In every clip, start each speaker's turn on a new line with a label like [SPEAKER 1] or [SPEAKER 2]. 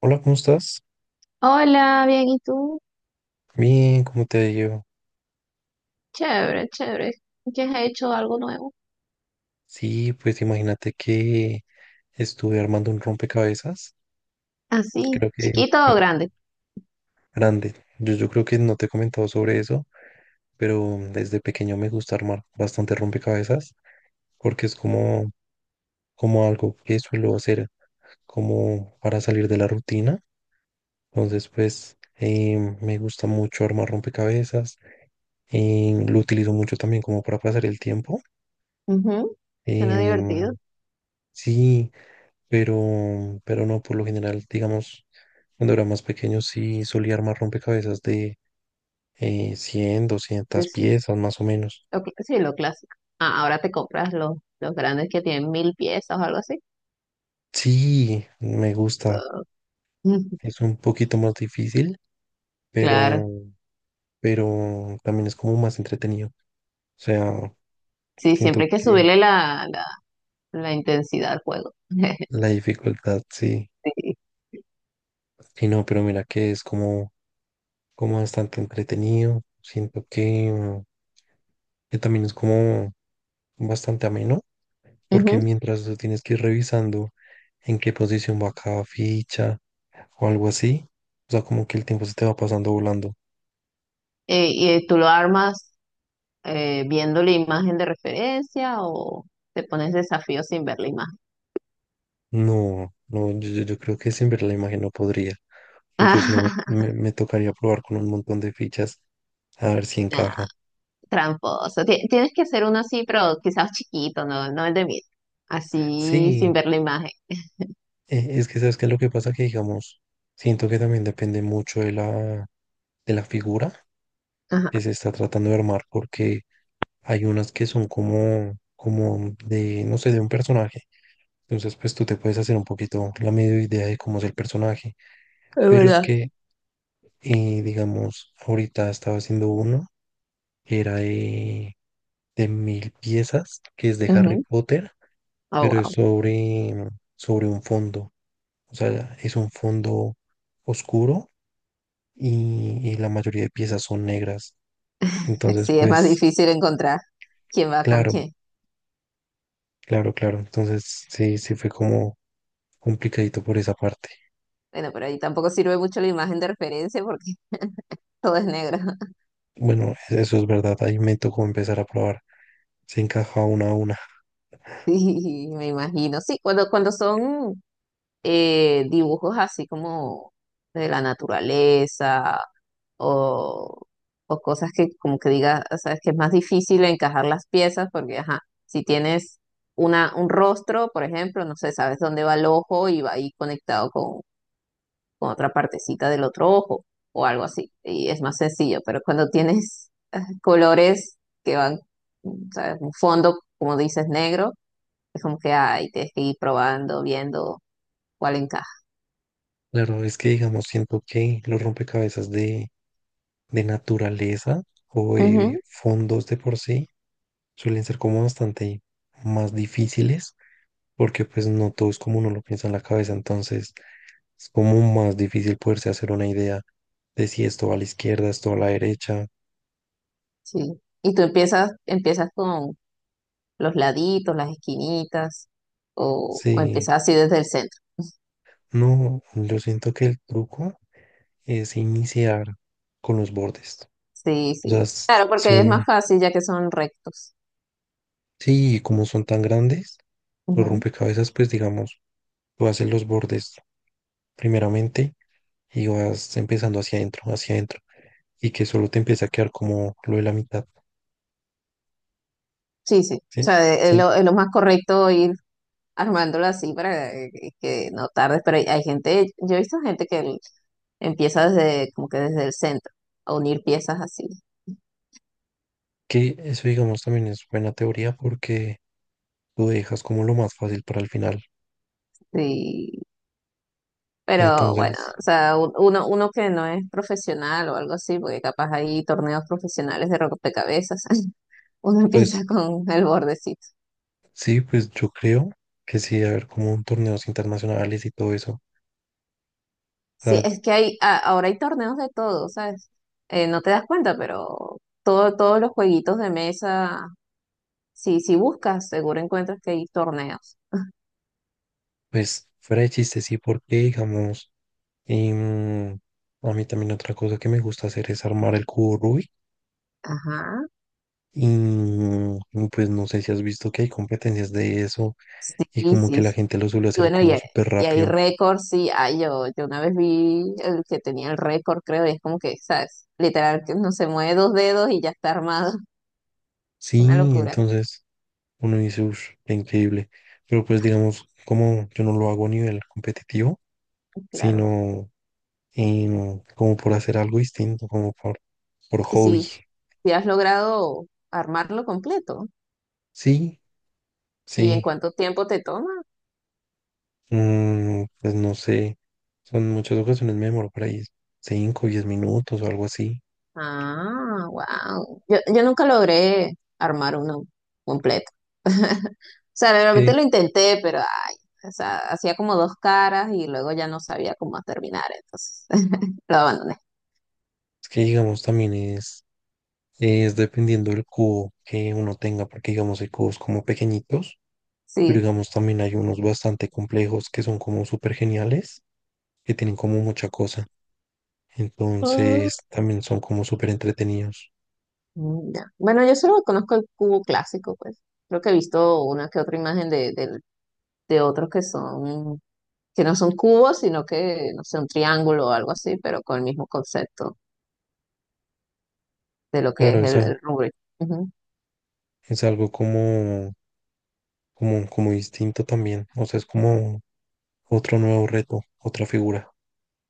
[SPEAKER 1] Hola, ¿cómo estás?
[SPEAKER 2] Hola, bien, ¿y tú?
[SPEAKER 1] Bien, ¿cómo te ha ido?
[SPEAKER 2] Chévere, chévere. ¿Qué has hecho? ¿Algo nuevo?
[SPEAKER 1] Sí, pues imagínate que estuve armando un rompecabezas,
[SPEAKER 2] ¿Así?
[SPEAKER 1] creo que
[SPEAKER 2] ¿Chiquito o
[SPEAKER 1] creo-
[SPEAKER 2] grande?
[SPEAKER 1] grande. Yo creo que no te he comentado sobre eso, pero desde pequeño me gusta armar bastante rompecabezas porque es como algo que suelo hacer como para salir de la rutina. Entonces, pues me gusta mucho armar rompecabezas, lo utilizo mucho también como para pasar el tiempo.
[SPEAKER 2] Ujú. Suena
[SPEAKER 1] Em,
[SPEAKER 2] divertido.
[SPEAKER 1] sí. pero, pero no, por lo general, digamos, cuando era más pequeño sí solía armar rompecabezas de 100,
[SPEAKER 2] Sí,
[SPEAKER 1] 200
[SPEAKER 2] sí.
[SPEAKER 1] piezas más o menos.
[SPEAKER 2] Sí, lo clásico. Ah, ahora te compras los grandes que tienen 1000 piezas o algo así.
[SPEAKER 1] Sí, me gusta,
[SPEAKER 2] Ah.
[SPEAKER 1] es un poquito más difícil,
[SPEAKER 2] Claro.
[SPEAKER 1] pero, pero también es como más entretenido. O sea,
[SPEAKER 2] Sí, siempre
[SPEAKER 1] siento
[SPEAKER 2] hay que
[SPEAKER 1] que
[SPEAKER 2] subirle la intensidad al juego.
[SPEAKER 1] la dificultad sí,
[SPEAKER 2] Sí.
[SPEAKER 1] sí no, pero mira que es como bastante entretenido. Siento que también es como bastante ameno, porque
[SPEAKER 2] Ujú.
[SPEAKER 1] mientras tú tienes que ir revisando en qué posición va cada ficha o algo así, o sea, como que el tiempo se te va pasando volando.
[SPEAKER 2] ¿Y tú lo armas viendo la imagen de referencia o te pones desafío sin ver la imagen?
[SPEAKER 1] No, no, yo creo que sin ver la imagen no podría, porque si no me, me me tocaría probar con un montón de fichas a ver si
[SPEAKER 2] Nah,
[SPEAKER 1] encaja.
[SPEAKER 2] tramposo. Tienes que hacer uno así, pero quizás chiquito, no, no el de mí. Así sin
[SPEAKER 1] Sí.
[SPEAKER 2] ver la imagen.
[SPEAKER 1] Es que sabes que lo que pasa que digamos, siento que también depende mucho de la figura
[SPEAKER 2] Ajá,
[SPEAKER 1] que se está tratando de armar, porque hay unas que son como de, no sé, de un personaje. Entonces, pues tú te puedes hacer un poquito la medio idea de cómo es el personaje.
[SPEAKER 2] es
[SPEAKER 1] Pero es
[SPEAKER 2] verdad.
[SPEAKER 1] que, digamos, ahorita estaba haciendo uno que era de 1.000 piezas, que es de Harry
[SPEAKER 2] Ujú.
[SPEAKER 1] Potter,
[SPEAKER 2] Oh,
[SPEAKER 1] pero es
[SPEAKER 2] wow.
[SPEAKER 1] sobre un fondo. O sea, es un fondo oscuro y la mayoría de piezas son negras. Entonces,
[SPEAKER 2] Sí, es más
[SPEAKER 1] pues,
[SPEAKER 2] difícil encontrar quién va con
[SPEAKER 1] claro,
[SPEAKER 2] quién.
[SPEAKER 1] claro, claro. Entonces, sí, sí fue como complicadito por esa parte.
[SPEAKER 2] Bueno, pero ahí tampoco sirve mucho la imagen de referencia porque todo es negro.
[SPEAKER 1] Bueno, eso es verdad. Ahí me tocó empezar a probar. Se encaja una a una.
[SPEAKER 2] Sí, me imagino. Sí, cuando, son dibujos así como de la naturaleza o, o cosas que como que diga, o sea, es que es más difícil encajar las piezas porque, ajá, si tienes una, un rostro, por ejemplo, no sé, sabes dónde va el ojo y va ahí conectado con otra partecita del otro ojo o algo así, y es más sencillo, pero cuando tienes ah, colores que van, sabes, un fondo, como dices, negro, es como que, ay, tienes que ir probando, viendo cuál encaja.
[SPEAKER 1] Claro, es que, digamos, siento que los rompecabezas de naturaleza o
[SPEAKER 2] Ujú,
[SPEAKER 1] de fondos de por sí suelen ser como bastante más difíciles porque pues no todo es como uno lo piensa en la cabeza. Entonces... es como más difícil poderse hacer una idea de si esto va a la izquierda, esto va a la derecha.
[SPEAKER 2] sí. Y tú empiezas, empiezas con, los laditos, las esquinitas, o,
[SPEAKER 1] Sí,
[SPEAKER 2] empezar así desde el centro.
[SPEAKER 1] no, yo siento que el truco es iniciar con los bordes.
[SPEAKER 2] Sí,
[SPEAKER 1] O
[SPEAKER 2] sí.
[SPEAKER 1] sea, s-
[SPEAKER 2] Claro,
[SPEAKER 1] si
[SPEAKER 2] porque es
[SPEAKER 1] uno,
[SPEAKER 2] más fácil ya que son rectos.
[SPEAKER 1] sí, como son tan grandes, los
[SPEAKER 2] Ujú.
[SPEAKER 1] rompecabezas, pues digamos, tú haces los bordes primeramente y vas empezando hacia adentro, y que solo te empieza a quedar como lo de la mitad,
[SPEAKER 2] Sí, sí. O
[SPEAKER 1] ¿sí?
[SPEAKER 2] sea,
[SPEAKER 1] Sí,
[SPEAKER 2] es lo más correcto ir armándolo así para que, no tardes. Pero hay gente, yo he visto gente empieza desde, como que desde el centro, a unir piezas así.
[SPEAKER 1] que eso, digamos, también es buena teoría porque tú dejas como lo más fácil para el final.
[SPEAKER 2] Sí. Pero bueno,
[SPEAKER 1] Entonces,
[SPEAKER 2] o sea, uno que no es profesional o algo así, porque capaz hay torneos profesionales de rompecabezas, uno
[SPEAKER 1] pues
[SPEAKER 2] empieza con el bordecito.
[SPEAKER 1] sí, pues yo creo que sí, debe haber como un torneos internacionales y todo eso. O
[SPEAKER 2] Sí,
[SPEAKER 1] sea,
[SPEAKER 2] es que hay, ahora hay torneos de todo, ¿sabes? No te das cuenta, pero todo, todos los jueguitos de mesa, sí, si buscas, seguro encuentras que hay torneos.
[SPEAKER 1] pues fuera de chiste, sí, porque digamos, em, a mí también otra cosa que me gusta hacer es armar el cubo Rubik.
[SPEAKER 2] Ajá,
[SPEAKER 1] Y pues no sé si has visto que hay competencias de eso
[SPEAKER 2] sí,
[SPEAKER 1] y como que
[SPEAKER 2] sí,
[SPEAKER 1] la
[SPEAKER 2] sí.
[SPEAKER 1] gente lo suele
[SPEAKER 2] Y
[SPEAKER 1] hacer
[SPEAKER 2] bueno,
[SPEAKER 1] como súper
[SPEAKER 2] y hay
[SPEAKER 1] rápido.
[SPEAKER 2] récords, sí. Ah, yo una vez vi el que tenía el récord, creo, y es como que, ¿sabes? Literal, que no se mueve dos dedos y ya está armado.
[SPEAKER 1] Sí,
[SPEAKER 2] Una locura.
[SPEAKER 1] entonces uno dice, uff, increíble. Pero pues digamos, como yo no lo hago a nivel competitivo,
[SPEAKER 2] Claro.
[SPEAKER 1] sino como por hacer algo distinto, como por
[SPEAKER 2] Y
[SPEAKER 1] hobby.
[SPEAKER 2] si, si has logrado armarlo completo,
[SPEAKER 1] Sí,
[SPEAKER 2] ¿y en
[SPEAKER 1] sí,
[SPEAKER 2] cuánto tiempo te toma?
[SPEAKER 1] pues no sé, son muchas ocasiones me demoro por ahí 5, 10 minutos o algo así.
[SPEAKER 2] Ah, wow. Yo nunca logré armar uno completo. O sea,
[SPEAKER 1] Es
[SPEAKER 2] realmente
[SPEAKER 1] que,
[SPEAKER 2] lo intenté, pero ay, o sea, hacía como dos caras y luego ya no sabía cómo terminar, entonces lo abandoné.
[SPEAKER 1] es que digamos también es dependiendo del cubo que uno tenga, porque digamos hay cubos como pequeñitos, pero
[SPEAKER 2] Sí.
[SPEAKER 1] digamos también hay unos bastante complejos que son como súper geniales, que tienen como mucha cosa.
[SPEAKER 2] Ah.
[SPEAKER 1] Entonces también son como súper entretenidos.
[SPEAKER 2] Mm, ya. Bueno, yo solo conozco el cubo clásico, pues. Creo que he visto una que otra imagen de otros que son, que no son cubos, sino que, no sé, un triángulo o algo así, pero con el mismo concepto de lo que
[SPEAKER 1] Claro,
[SPEAKER 2] es
[SPEAKER 1] es,
[SPEAKER 2] el,
[SPEAKER 1] al-
[SPEAKER 2] el Rubik.
[SPEAKER 1] es algo como distinto también. O sea, es como otro nuevo reto, otra figura.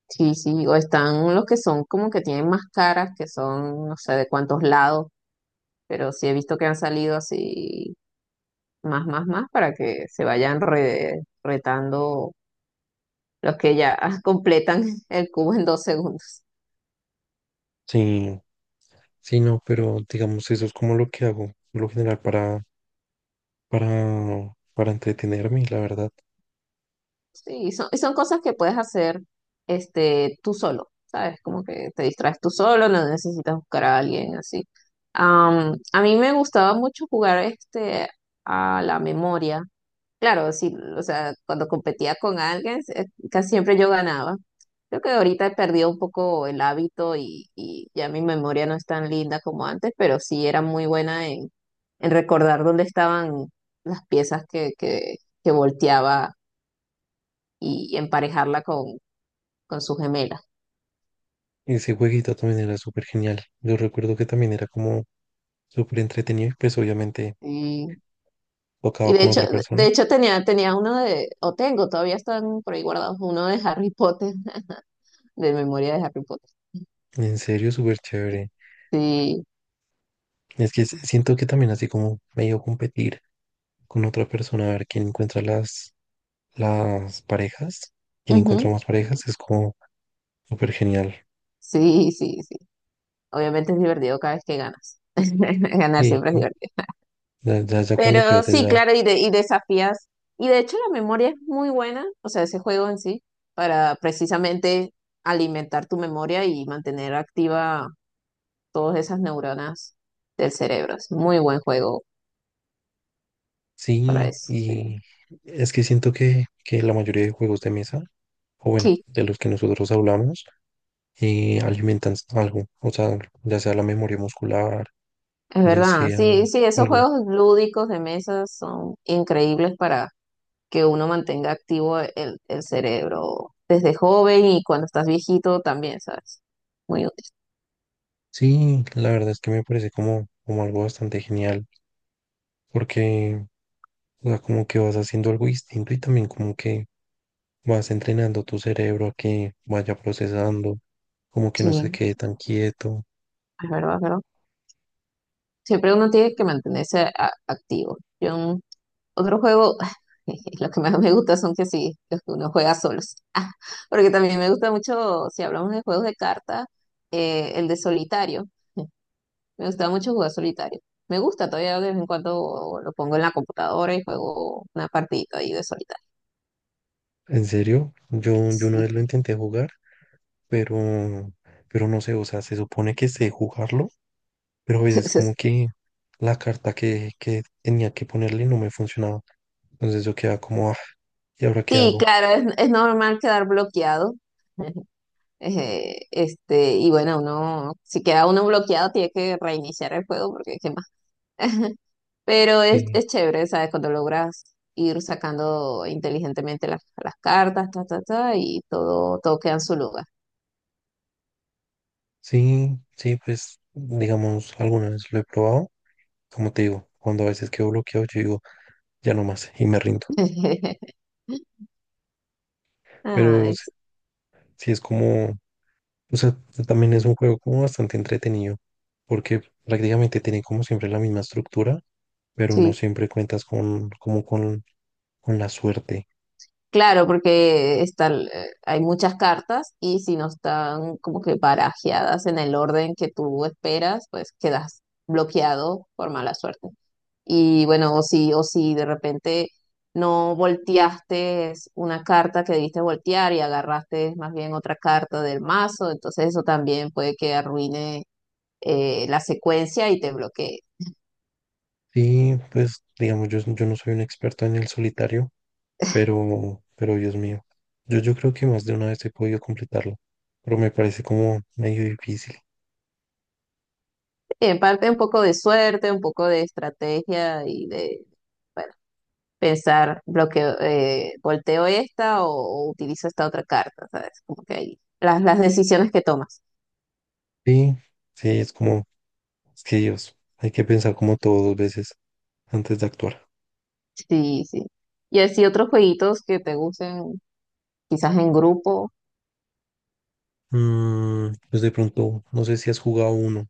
[SPEAKER 2] Sí, sí, o están los que son como que tienen más caras, que son no sé de cuántos lados, pero sí he visto que han salido así más, más, más para que se vayan retando los que ya completan el cubo en 2 segundos.
[SPEAKER 1] Sí, sí, no, pero digamos, eso es como lo que hago, por lo general, para entretenerme, la verdad.
[SPEAKER 2] Sí, son, y son cosas que puedes hacer este, tú solo, ¿sabes? Como que te distraes tú solo, no necesitas buscar a alguien así. A mí me gustaba mucho jugar este, a la memoria. Claro, sí, o sea, cuando competía con alguien, casi siempre yo ganaba. Creo que ahorita he perdido un poco el hábito y ya mi memoria no es tan linda como antes, pero sí era muy buena en recordar dónde estaban las piezas que volteaba y, emparejarla con su gemela.
[SPEAKER 1] Ese jueguito también era súper genial. Yo recuerdo que también era como súper entretenido y pues obviamente
[SPEAKER 2] Y, y
[SPEAKER 1] tocaba con otra
[SPEAKER 2] de
[SPEAKER 1] persona.
[SPEAKER 2] hecho tenía, tenía uno de, o tengo, todavía están por ahí guardados, uno de Harry Potter, de memoria de Harry Potter.
[SPEAKER 1] En serio, súper chévere.
[SPEAKER 2] Sí,
[SPEAKER 1] Es que siento que también así como medio competir con otra persona a ver quién encuentra las parejas, quién encuentra
[SPEAKER 2] ujú.
[SPEAKER 1] más parejas, es como súper genial.
[SPEAKER 2] Sí, sí, sí. Obviamente es divertido cada vez que ganas. Ganar
[SPEAKER 1] Sí,
[SPEAKER 2] siempre es
[SPEAKER 1] sí,
[SPEAKER 2] divertido.
[SPEAKER 1] ya, ya, ya cuando
[SPEAKER 2] Pero
[SPEAKER 1] pierdes
[SPEAKER 2] sí,
[SPEAKER 1] ya.
[SPEAKER 2] claro, y desafías. Y de hecho la memoria es muy buena, o sea, ese juego en sí, para precisamente alimentar tu memoria y mantener activa todas esas neuronas del cerebro. Es muy buen juego para
[SPEAKER 1] Sí,
[SPEAKER 2] eso. Sí,
[SPEAKER 1] y es que siento que la mayoría de juegos de mesa, o bueno,
[SPEAKER 2] sí,
[SPEAKER 1] de los que nosotros hablamos, alimentan algo. O sea, ya sea la memoria muscular,
[SPEAKER 2] es
[SPEAKER 1] ya
[SPEAKER 2] verdad.
[SPEAKER 1] sea
[SPEAKER 2] Sí, sí, esos
[SPEAKER 1] algo.
[SPEAKER 2] juegos lúdicos de mesas son increíbles que uno mantenga activo el cerebro desde joven y cuando estás viejito también, ¿sabes? Muy útil.
[SPEAKER 1] Sí, la verdad es que me parece como, como algo bastante genial, porque, o sea, como que vas haciendo algo distinto y también como que vas entrenando tu cerebro a que vaya procesando, como que no se
[SPEAKER 2] Sí,
[SPEAKER 1] quede tan quieto.
[SPEAKER 2] es verdad, es verdad. Siempre uno tiene que mantenerse activo. Yo, en otro juego, lo que más me gusta son que sí, los que uno juega solos. Ah, porque también me gusta mucho, si hablamos de juegos de cartas, el de solitario. Me gusta mucho jugar solitario. Me gusta, todavía de vez en cuando lo pongo en la computadora y juego una partidita ahí de solitario.
[SPEAKER 1] En serio, yo una
[SPEAKER 2] Sí.
[SPEAKER 1] vez lo intenté jugar, pero, pero no sé, o sea, se supone que sé jugarlo, pero a veces como que la carta que tenía que ponerle no me funcionaba. Entonces yo quedaba como, ah, ¿y ahora qué
[SPEAKER 2] Sí,
[SPEAKER 1] hago?
[SPEAKER 2] claro, es normal quedar bloqueado. Este, y bueno, uno, si queda uno bloqueado, tiene que reiniciar el juego porque qué más. Pero es,
[SPEAKER 1] Sí,
[SPEAKER 2] es chévere, ¿sabes? Cuando logras ir sacando inteligentemente las cartas, ta, ta, ta, y todo, todo queda en su lugar.
[SPEAKER 1] sí, sí, pues digamos, alguna vez lo he probado, como te digo, cuando a veces quedo bloqueado, yo digo, ya no más, y me rindo. Pero
[SPEAKER 2] Ay,
[SPEAKER 1] sí es como, o sea, también es un juego como bastante entretenido, porque prácticamente tiene como siempre la misma estructura pero no
[SPEAKER 2] sí.
[SPEAKER 1] siempre cuentas con, como con la suerte.
[SPEAKER 2] Claro, porque están, hay muchas cartas y si no están como que barajeadas en el orden que tú esperas, pues quedas bloqueado por mala suerte. Y bueno, o si de repente no volteaste una carta que debiste voltear y agarraste más bien otra carta del mazo, entonces eso también puede que arruine la secuencia y te bloquee.
[SPEAKER 1] Sí, pues digamos, yo no soy un experto en el solitario, pero Dios mío, yo creo que más de una vez he podido completarlo, pero me parece como medio difícil.
[SPEAKER 2] En parte un poco de suerte, un poco de estrategia y de... Bueno, pensar, bloqueo, volteo esta o, utilizo esta otra carta, ¿sabes? Como que ahí, las decisiones que tomas.
[SPEAKER 1] Sí, sí, es como, es que Dios, hay que pensar como todo 2 veces antes de actuar.
[SPEAKER 2] Sí, sí. Y así otros jueguitos que te gusten, quizás en grupo.
[SPEAKER 1] Mm, pues de pronto, no sé si has jugado uno.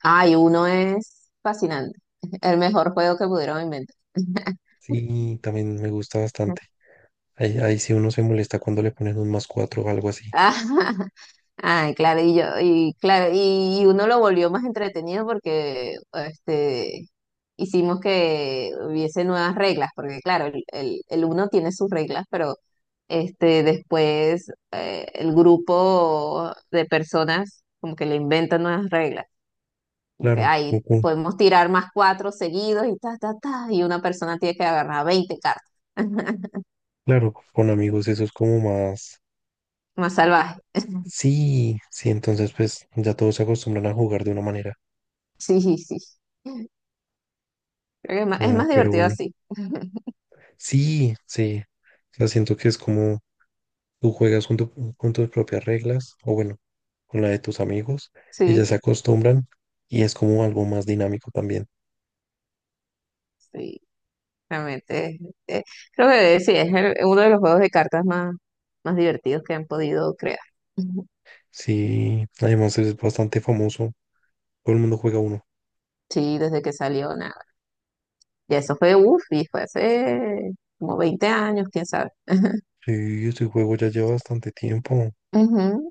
[SPEAKER 2] Ay, Uno es fascinante. El mejor juego que pudieron inventar.
[SPEAKER 1] Sí, también me gusta bastante. Ahí sí uno se molesta cuando le ponen un más cuatro o algo así.
[SPEAKER 2] Ay, claro, y claro, y Uno lo volvió más entretenido porque este hicimos que hubiese nuevas reglas, porque claro, el Uno tiene sus reglas, pero este después el grupo de personas como que le inventan nuevas reglas. Como que
[SPEAKER 1] Claro,
[SPEAKER 2] ay, podemos tirar +4 seguidos y ta, ta, ta, y una persona tiene que agarrar 20 cartas.
[SPEAKER 1] claro, con amigos eso es como más...
[SPEAKER 2] Más salvaje.
[SPEAKER 1] Sí, sí, entonces pues ya todos se acostumbran a jugar de una manera.
[SPEAKER 2] Sí, sí, sí. Creo que es
[SPEAKER 1] Ah,
[SPEAKER 2] más
[SPEAKER 1] pero
[SPEAKER 2] divertido
[SPEAKER 1] bueno,
[SPEAKER 2] así.
[SPEAKER 1] sí, sí. O sea, siento que es como tú juegas con, con tus propias reglas, o bueno, con la de tus amigos, y
[SPEAKER 2] Sí,
[SPEAKER 1] ya se
[SPEAKER 2] sí,
[SPEAKER 1] acostumbran y es como algo más dinámico también.
[SPEAKER 2] sí. Realmente, eh, creo que sí, es uno de los juegos de cartas más, más divertidos que han podido crear. Ujú.
[SPEAKER 1] Sí, además es bastante famoso, todo el mundo juega uno.
[SPEAKER 2] Sí, desde que salió, nada. Y eso fue, uff, y fue hace como 20 años, quién sabe.
[SPEAKER 1] Sí, este juego ya lleva bastante tiempo.
[SPEAKER 2] Ujú.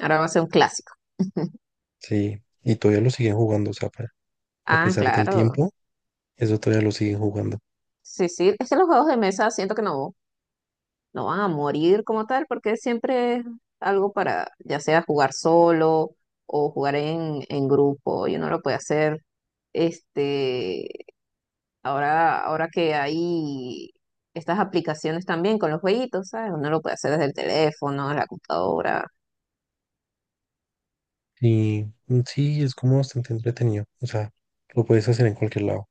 [SPEAKER 2] Ahora va a ser un clásico.
[SPEAKER 1] Sí, y todavía lo siguen jugando, o sea, a
[SPEAKER 2] Ah,
[SPEAKER 1] pesar del
[SPEAKER 2] claro.
[SPEAKER 1] tiempo, eso todavía lo siguen jugando.
[SPEAKER 2] Sí, sí. Es que los juegos de mesa siento que no, no van a morir como tal, porque siempre es algo para, ya sea jugar solo o jugar en, grupo, y uno lo puede hacer este. Ahora, ahora que hay estas aplicaciones también con los jueguitos, ¿sabes? Uno lo puede hacer desde el teléfono, la computadora.
[SPEAKER 1] Y sí, es como bastante entretenido. O sea, lo puedes hacer en cualquier lado.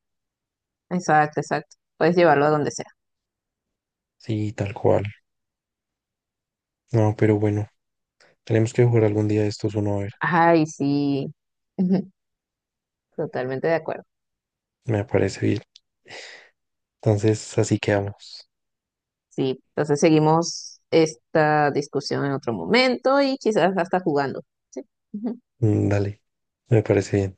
[SPEAKER 2] Exacto, exacto. Puedes llevarlo a donde sea.
[SPEAKER 1] Sí, tal cual. No, pero bueno, tenemos que jugar algún día de estos uno a ver.
[SPEAKER 2] Ay, sí. Totalmente de acuerdo.
[SPEAKER 1] Me parece bien. Entonces, así quedamos.
[SPEAKER 2] Sí, entonces seguimos esta discusión en otro momento y quizás hasta jugando. Sí.
[SPEAKER 1] Mm, dale, me parece bien.